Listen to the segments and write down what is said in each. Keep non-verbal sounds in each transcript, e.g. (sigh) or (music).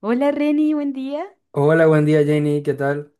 Hola Reni, buen día. Hola, buen día Jenny, ¿qué tal?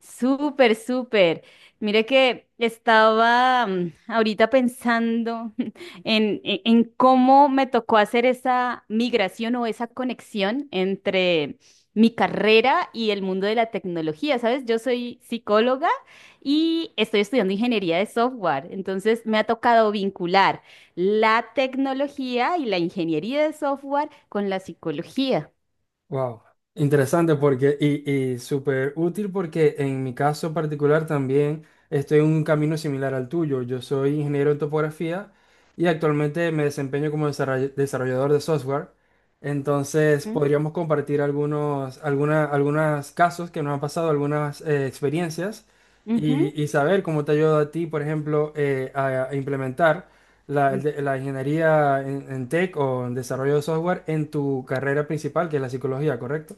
Súper, súper. Mire que estaba ahorita pensando (laughs) en cómo me tocó hacer esa migración o esa conexión entre mi carrera y el mundo de la tecnología. ¿Sabes? Yo soy psicóloga y estoy estudiando ingeniería de software. Entonces me ha tocado vincular la tecnología y la ingeniería de software con la psicología. Wow, interesante porque y súper útil porque en mi caso particular también estoy en un camino similar al tuyo. Yo soy ingeniero en topografía y actualmente me desempeño como desarrollador de software. Entonces ¿Mm? podríamos compartir algunos casos que nos han pasado, algunas experiencias Ujú. y saber cómo te ayuda a ti, por ejemplo, a implementar la, la ingeniería en tech o en desarrollo de software en tu carrera principal, que es la psicología, ¿correcto?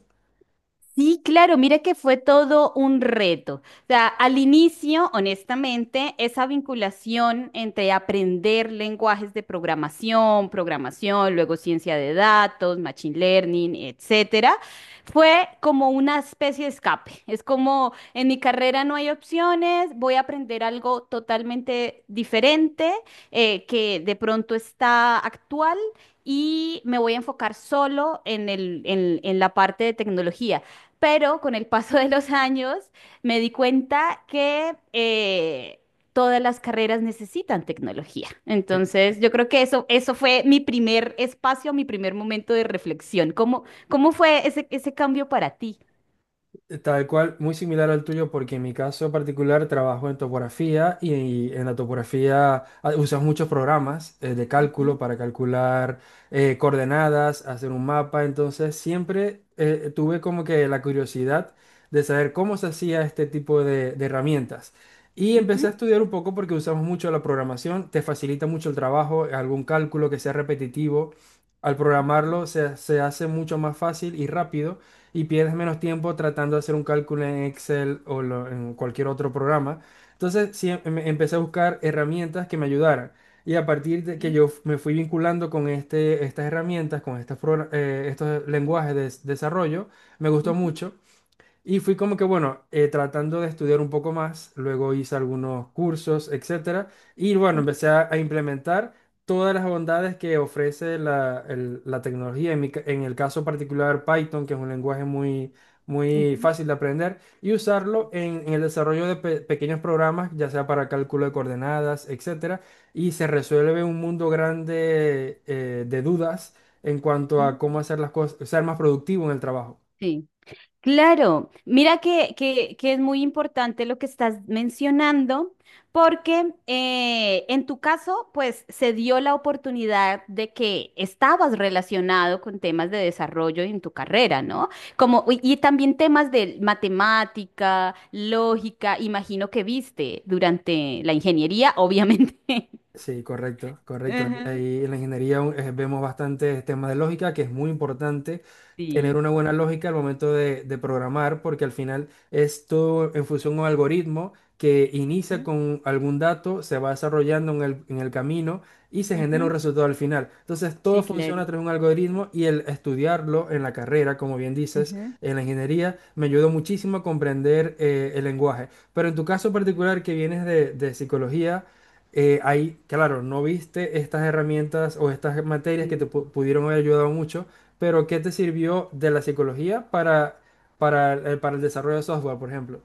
Sí, claro, mira que fue todo un reto. O sea, al inicio, honestamente, esa vinculación entre aprender lenguajes de programación, luego ciencia de datos, machine learning, etcétera, fue como una especie de escape. Es como en mi carrera no hay opciones, voy a aprender algo totalmente diferente, que de pronto está actual. Y me voy a enfocar solo en el- en la parte de tecnología. Pero con el paso de los años me di cuenta que todas las carreras necesitan tecnología. Entonces, yo creo que eso fue mi primer espacio, mi primer momento de reflexión. ¿Cómo fue ese cambio para ti? Tal cual, muy similar al tuyo, porque en mi caso particular trabajo en topografía y, en la topografía usas muchos programas de cálculo Ujú, para calcular coordenadas, hacer un mapa. Entonces siempre tuve como que la curiosidad de saber cómo se hacía este tipo de herramientas. Y empecé a ujú, estudiar un poco porque usamos mucho la programación, te facilita mucho el trabajo. Algún cálculo que sea repetitivo, al ujú, programarlo se hace mucho más fácil y rápido, y pierdes menos tiempo tratando de hacer un cálculo en Excel o en cualquier otro programa. Entonces, sí, empecé a buscar herramientas que me ayudaran. Y a partir de que sí, me fui vinculando con estas herramientas, con estos lenguajes de desarrollo, me gustó ujú, mucho. Y fui como que, bueno, tratando de estudiar un poco más, luego hice algunos cursos, etcétera, y bueno, ujú, empecé a implementar todas las bondades que ofrece la tecnología, en en el caso particular Python, que es un lenguaje muy ujú, fácil de aprender, y usarlo en el desarrollo de pequeños programas, ya sea para cálculo de coordenadas, etcétera, y se resuelve un mundo grande de dudas en cuanto a ujú. cómo hacer las cosas, ser más productivo en el trabajo. Sí. Claro, mira que es muy importante lo que estás mencionando, porque en tu caso, pues se dio la oportunidad de que estabas relacionado con temas de desarrollo en tu carrera, ¿no? Como, y también temas de matemática, lógica, imagino que viste durante la ingeniería, obviamente. Sí, correcto, (laughs) correcto. Ujú. Ahí en la ingeniería vemos bastantes temas de lógica, que es muy importante tener Sí. una buena lógica al momento de programar, porque al final es todo en función a un algoritmo que inicia Ujú, con algún dato, se va desarrollando en en el camino y se genera un ujú. resultado al final. Entonces, Sí, todo funciona claro. a través de un algoritmo, y el estudiarlo en la carrera, como bien dices, Ujú. en la ingeniería, me ayudó muchísimo a comprender el lenguaje. Pero en tu caso particular, que vienes de psicología, ahí, claro, no viste estas herramientas o estas materias que te Sí. Pudieron haber ayudado mucho, pero ¿qué te sirvió de la psicología para, para el desarrollo de software, por ejemplo?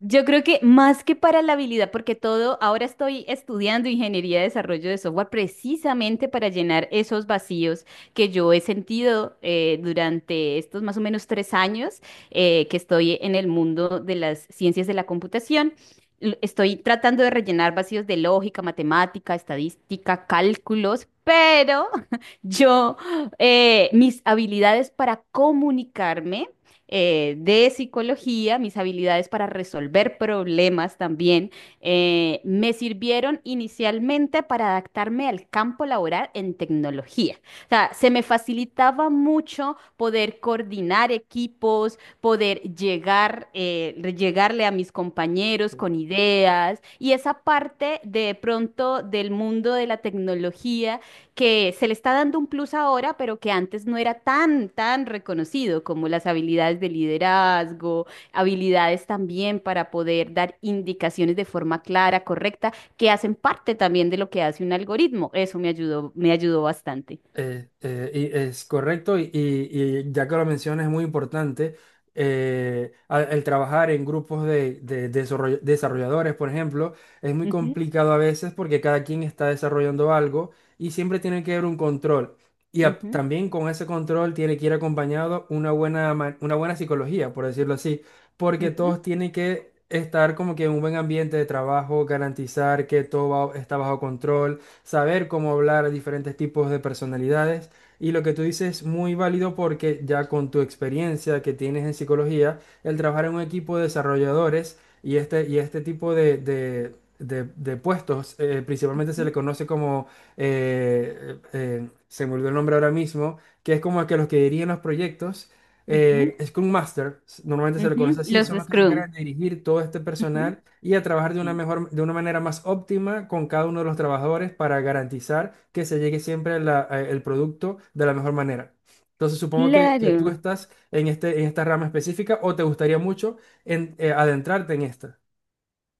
Yo creo que más que para la habilidad, porque todo, ahora estoy estudiando ingeniería de desarrollo de software precisamente para llenar esos vacíos que yo he sentido durante estos más o menos 3 años que estoy en el mundo de las ciencias de la computación. L- Estoy tratando de rellenar vacíos de lógica, matemática, estadística, cálculos, pero (laughs) yo, mis habilidades para comunicarme de psicología, mis habilidades para resolver problemas también, me sirvieron inicialmente para adaptarme al campo laboral en tecnología. O sea, se me facilitaba mucho poder coordinar equipos, poder llegarle a mis compañeros con ideas y esa parte de pronto del mundo de la tecnología que se le está dando un plus ahora, pero que antes no era tan, tan reconocido como las habilidades de liderazgo, habilidades también para poder dar indicaciones de forma clara, correcta, que hacen parte también de lo que hace un algoritmo. Eso me ayudó bastante. Y es correcto, y ya que lo mencionas, es muy importante, el trabajar en grupos de desarrolladores, por ejemplo. Es muy Ujú, complicado a veces porque cada quien está desarrollando algo y siempre tiene que haber un control. Y ujú, también con ese control tiene que ir acompañado una una buena psicología, por decirlo así, porque ujú, todos tienen que estar como que en un buen ambiente de trabajo, garantizar que todo está bajo control, saber cómo hablar a diferentes tipos de personalidades. Y lo que tú dices es muy válido porque ya con tu experiencia que tienes en psicología, el trabajar en un equipo de desarrolladores y y este tipo de, de puestos, principalmente se ujú, le conoce como, se me olvidó el nombre ahora mismo, que es como que los que dirigen los proyectos, ujú, Scrum Master, normalmente se le conoce ujú. así, Los son los que se Scrum. encargan de dirigir todo este Ujú, personal y a trabajar de una sí. mejor, de una manera más óptima con cada uno de los trabajadores para garantizar que se llegue siempre el producto de la mejor manera. Entonces supongo que tú Claro. estás en en esta rama específica o te gustaría mucho adentrarte en esta.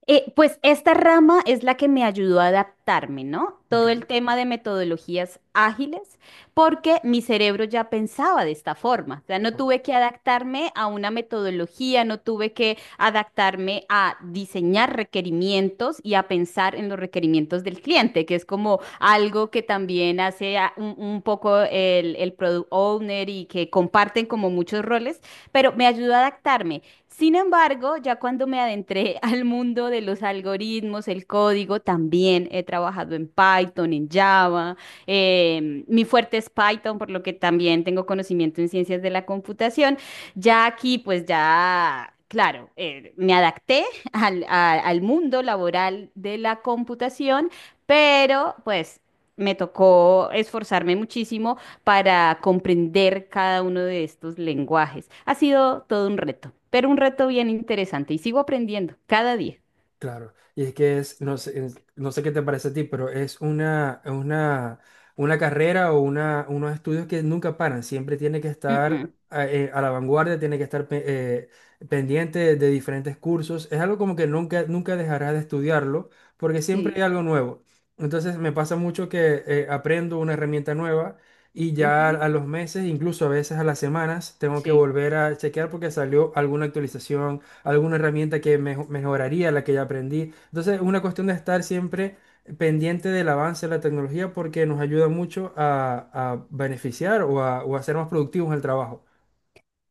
Pues esta rama es la que me ayudó a adaptarme, ¿no? Ok. Todo el tema de metodologías ágiles, porque mi cerebro ya pensaba de esta forma. O sea, no tuve que adaptarme a una metodología, no tuve que adaptarme a diseñar requerimientos y a pensar en los requerimientos del cliente, que es como algo que también hace un poco el product owner y que comparten como muchos roles, pero me ayudó a adaptarme. Sin embargo, ya cuando me adentré (laughs) al mundo de los algoritmos, el código, también he trabajado en Python, en Java. Mi fuerte es Python, por lo que también tengo conocimiento en ciencias de la computación. Ya aquí, pues ya, claro, me adapté (laughs) al mundo laboral de la computación, pero pues me tocó esforzarme muchísimo para comprender cada uno de estos lenguajes. Ha sido todo un reto, pero un reto bien interesante y sigo aprendiendo cada día. Claro, y es que es, no sé, no sé qué te parece a ti, pero es una carrera o unos estudios que nunca paran, siempre tiene que Mm, estar mm. A la vanguardia, tiene que estar pendiente de diferentes cursos. Es algo como que nunca, nunca dejarás de estudiarlo, porque siempre Sí. hay algo nuevo. Entonces me pasa mucho que, aprendo una herramienta nueva y ya Ujú. a los meses, incluso a veces a las semanas, tengo que Sí. volver a chequear porque salió alguna actualización, alguna herramienta que mejoraría la que ya aprendí. Entonces, es una cuestión de estar siempre pendiente del avance de la tecnología porque nos ayuda mucho a beneficiar o a ser más productivos en el trabajo.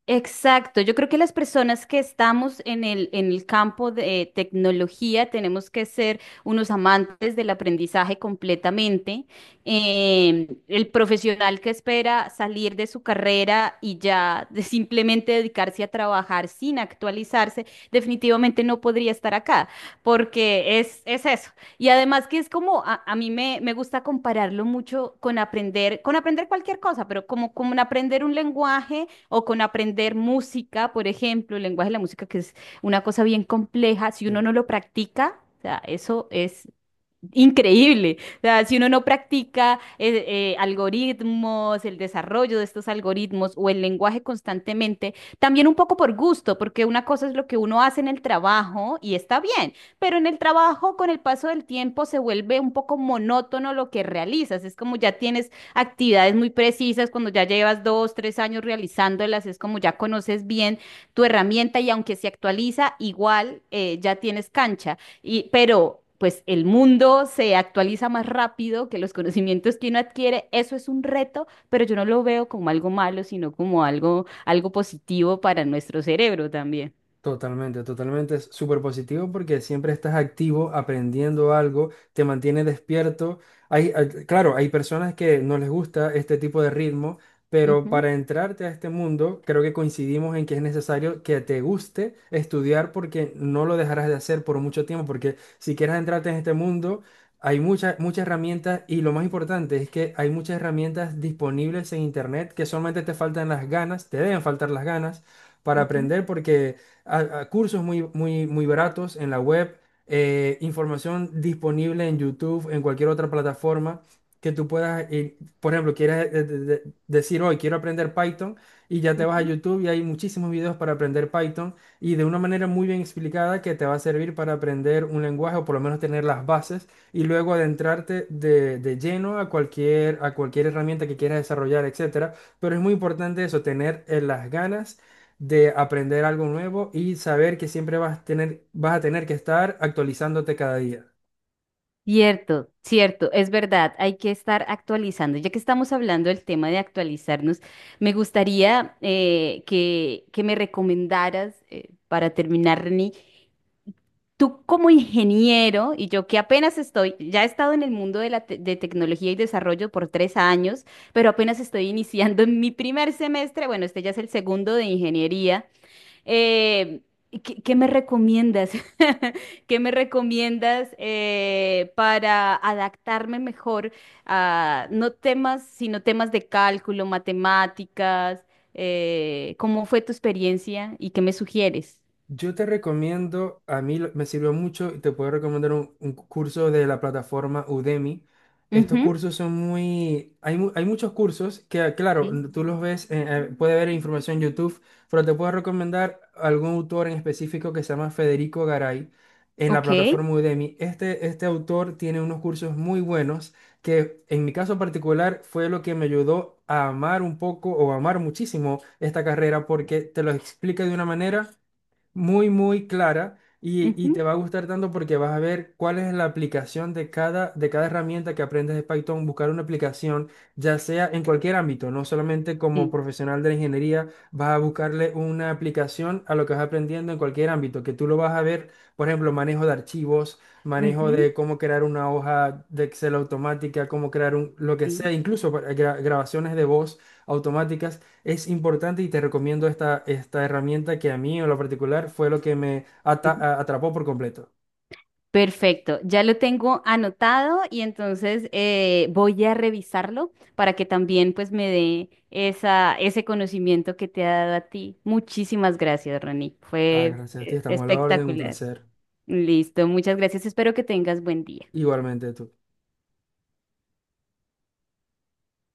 Exacto, yo creo que las personas que estamos en el campo de tecnología tenemos que ser unos amantes del aprendizaje completamente. El profesional que espera salir de su carrera y ya de simplemente dedicarse a trabajar sin actualizarse, definitivamente no podría estar acá, porque es, eso. Y además que es como, a mí me gusta compararlo mucho con aprender cualquier cosa, pero como en aprender un lenguaje o con aprender música, por ejemplo, el lenguaje de la música, que es una cosa bien compleja, si uno Sí. no lo practica, o sea, eso es increíble. O sea, si uno no practica algoritmos, el desarrollo de estos algoritmos o el lenguaje constantemente, también un poco por gusto, porque una cosa es lo que uno hace en el trabajo y está bien, pero en el trabajo con el paso del tiempo se vuelve un poco monótono lo que realizas. Es como ya tienes actividades muy precisas, cuando ya llevas 2, 3 años realizándolas, es como ya conoces bien tu herramienta y aunque se actualiza, igual ya tienes cancha. Pero pues el mundo se actualiza más rápido que los conocimientos que uno adquiere. Eso es un reto, pero yo no lo veo como algo malo, sino como algo positivo para nuestro cerebro también. Totalmente, totalmente. Es súper positivo porque siempre estás activo, aprendiendo algo, te mantiene despierto. Claro, hay personas que no les gusta este tipo de ritmo, pero Ujú, para entrarte a este mundo, creo que coincidimos en que es necesario que te guste estudiar porque no lo dejarás de hacer por mucho tiempo, porque si quieres entrarte en este mundo, hay muchas, muchas herramientas, y lo más importante es que hay muchas herramientas disponibles en internet, que solamente te faltan las ganas, te deben faltar las ganas para ujú, aprender, porque a cursos muy, muy, muy baratos en la web, información disponible en YouTube, en cualquier otra plataforma que tú puedas ir. Por ejemplo, quieres, decir hoy quiero aprender Python, y ya te vas a ujú. YouTube y hay muchísimos videos para aprender Python, y de una manera muy bien explicada que te va a servir para aprender un lenguaje o por lo menos tener las bases, y luego adentrarte de lleno a cualquier herramienta que quieras desarrollar, etcétera. Pero es muy importante eso, tener, las ganas de aprender algo nuevo y saber que siempre vas a tener que estar actualizándote cada día. Cierto, cierto, es verdad, hay que estar actualizando. Ya que estamos hablando del tema de actualizarnos, me gustaría que me recomendaras, para terminar, Reni. Tú como ingeniero y yo que apenas estoy, ya he estado en el mundo de de tecnología y desarrollo por 3 años, pero apenas estoy iniciando en mi primer semestre, bueno, este ya es el segundo de ingeniería. eh, qué me recomiendas? (laughs) ¿Qué me recomiendas para adaptarme mejor a no temas, sino temas de cálculo, matemáticas? ¿Cómo fue tu experiencia y qué me sugieres? Yo te recomiendo, a mí me sirvió mucho y te puedo recomendar un curso de la plataforma Udemy. Estos Ujú, cursos son muy... Hay muchos cursos que, claro, sí. Tú los ves, puede ver información en YouTube, pero te puedo recomendar algún autor en específico que se llama Federico Garay en la Ok. plataforma Udemy. Este autor tiene unos cursos muy buenos que en mi caso particular fue lo que me ayudó a amar un poco o amar muchísimo esta carrera, porque te lo explica de una manera muy, muy clara, y Ujú, te va a gustar tanto porque vas a ver cuál es la aplicación de cada herramienta que aprendes de Python, buscar una aplicación, ya sea en cualquier ámbito, no solamente como sí, profesional de la ingeniería. Vas a buscarle una aplicación a lo que vas aprendiendo en cualquier ámbito, que tú lo vas a ver, por ejemplo, manejo de archivos, manejo ujú, de cómo crear una hoja de Excel automática, cómo crear un, lo que sea, sí. incluso para grabaciones de voz automáticas, es importante, y te recomiendo esta herramienta, que a mí en lo particular fue lo que me Ujú. Atrapó por completo. Perfecto, ya lo tengo anotado y entonces voy a revisarlo para que también pues me dé ese conocimiento que te ha dado a ti. Muchísimas gracias, Ronnie. Ah, Fue gracias a ti, estamos a la orden, un espectacular. placer. (laughs) Listo, muchas gracias. Espero que tengas buen día. Igualmente tú.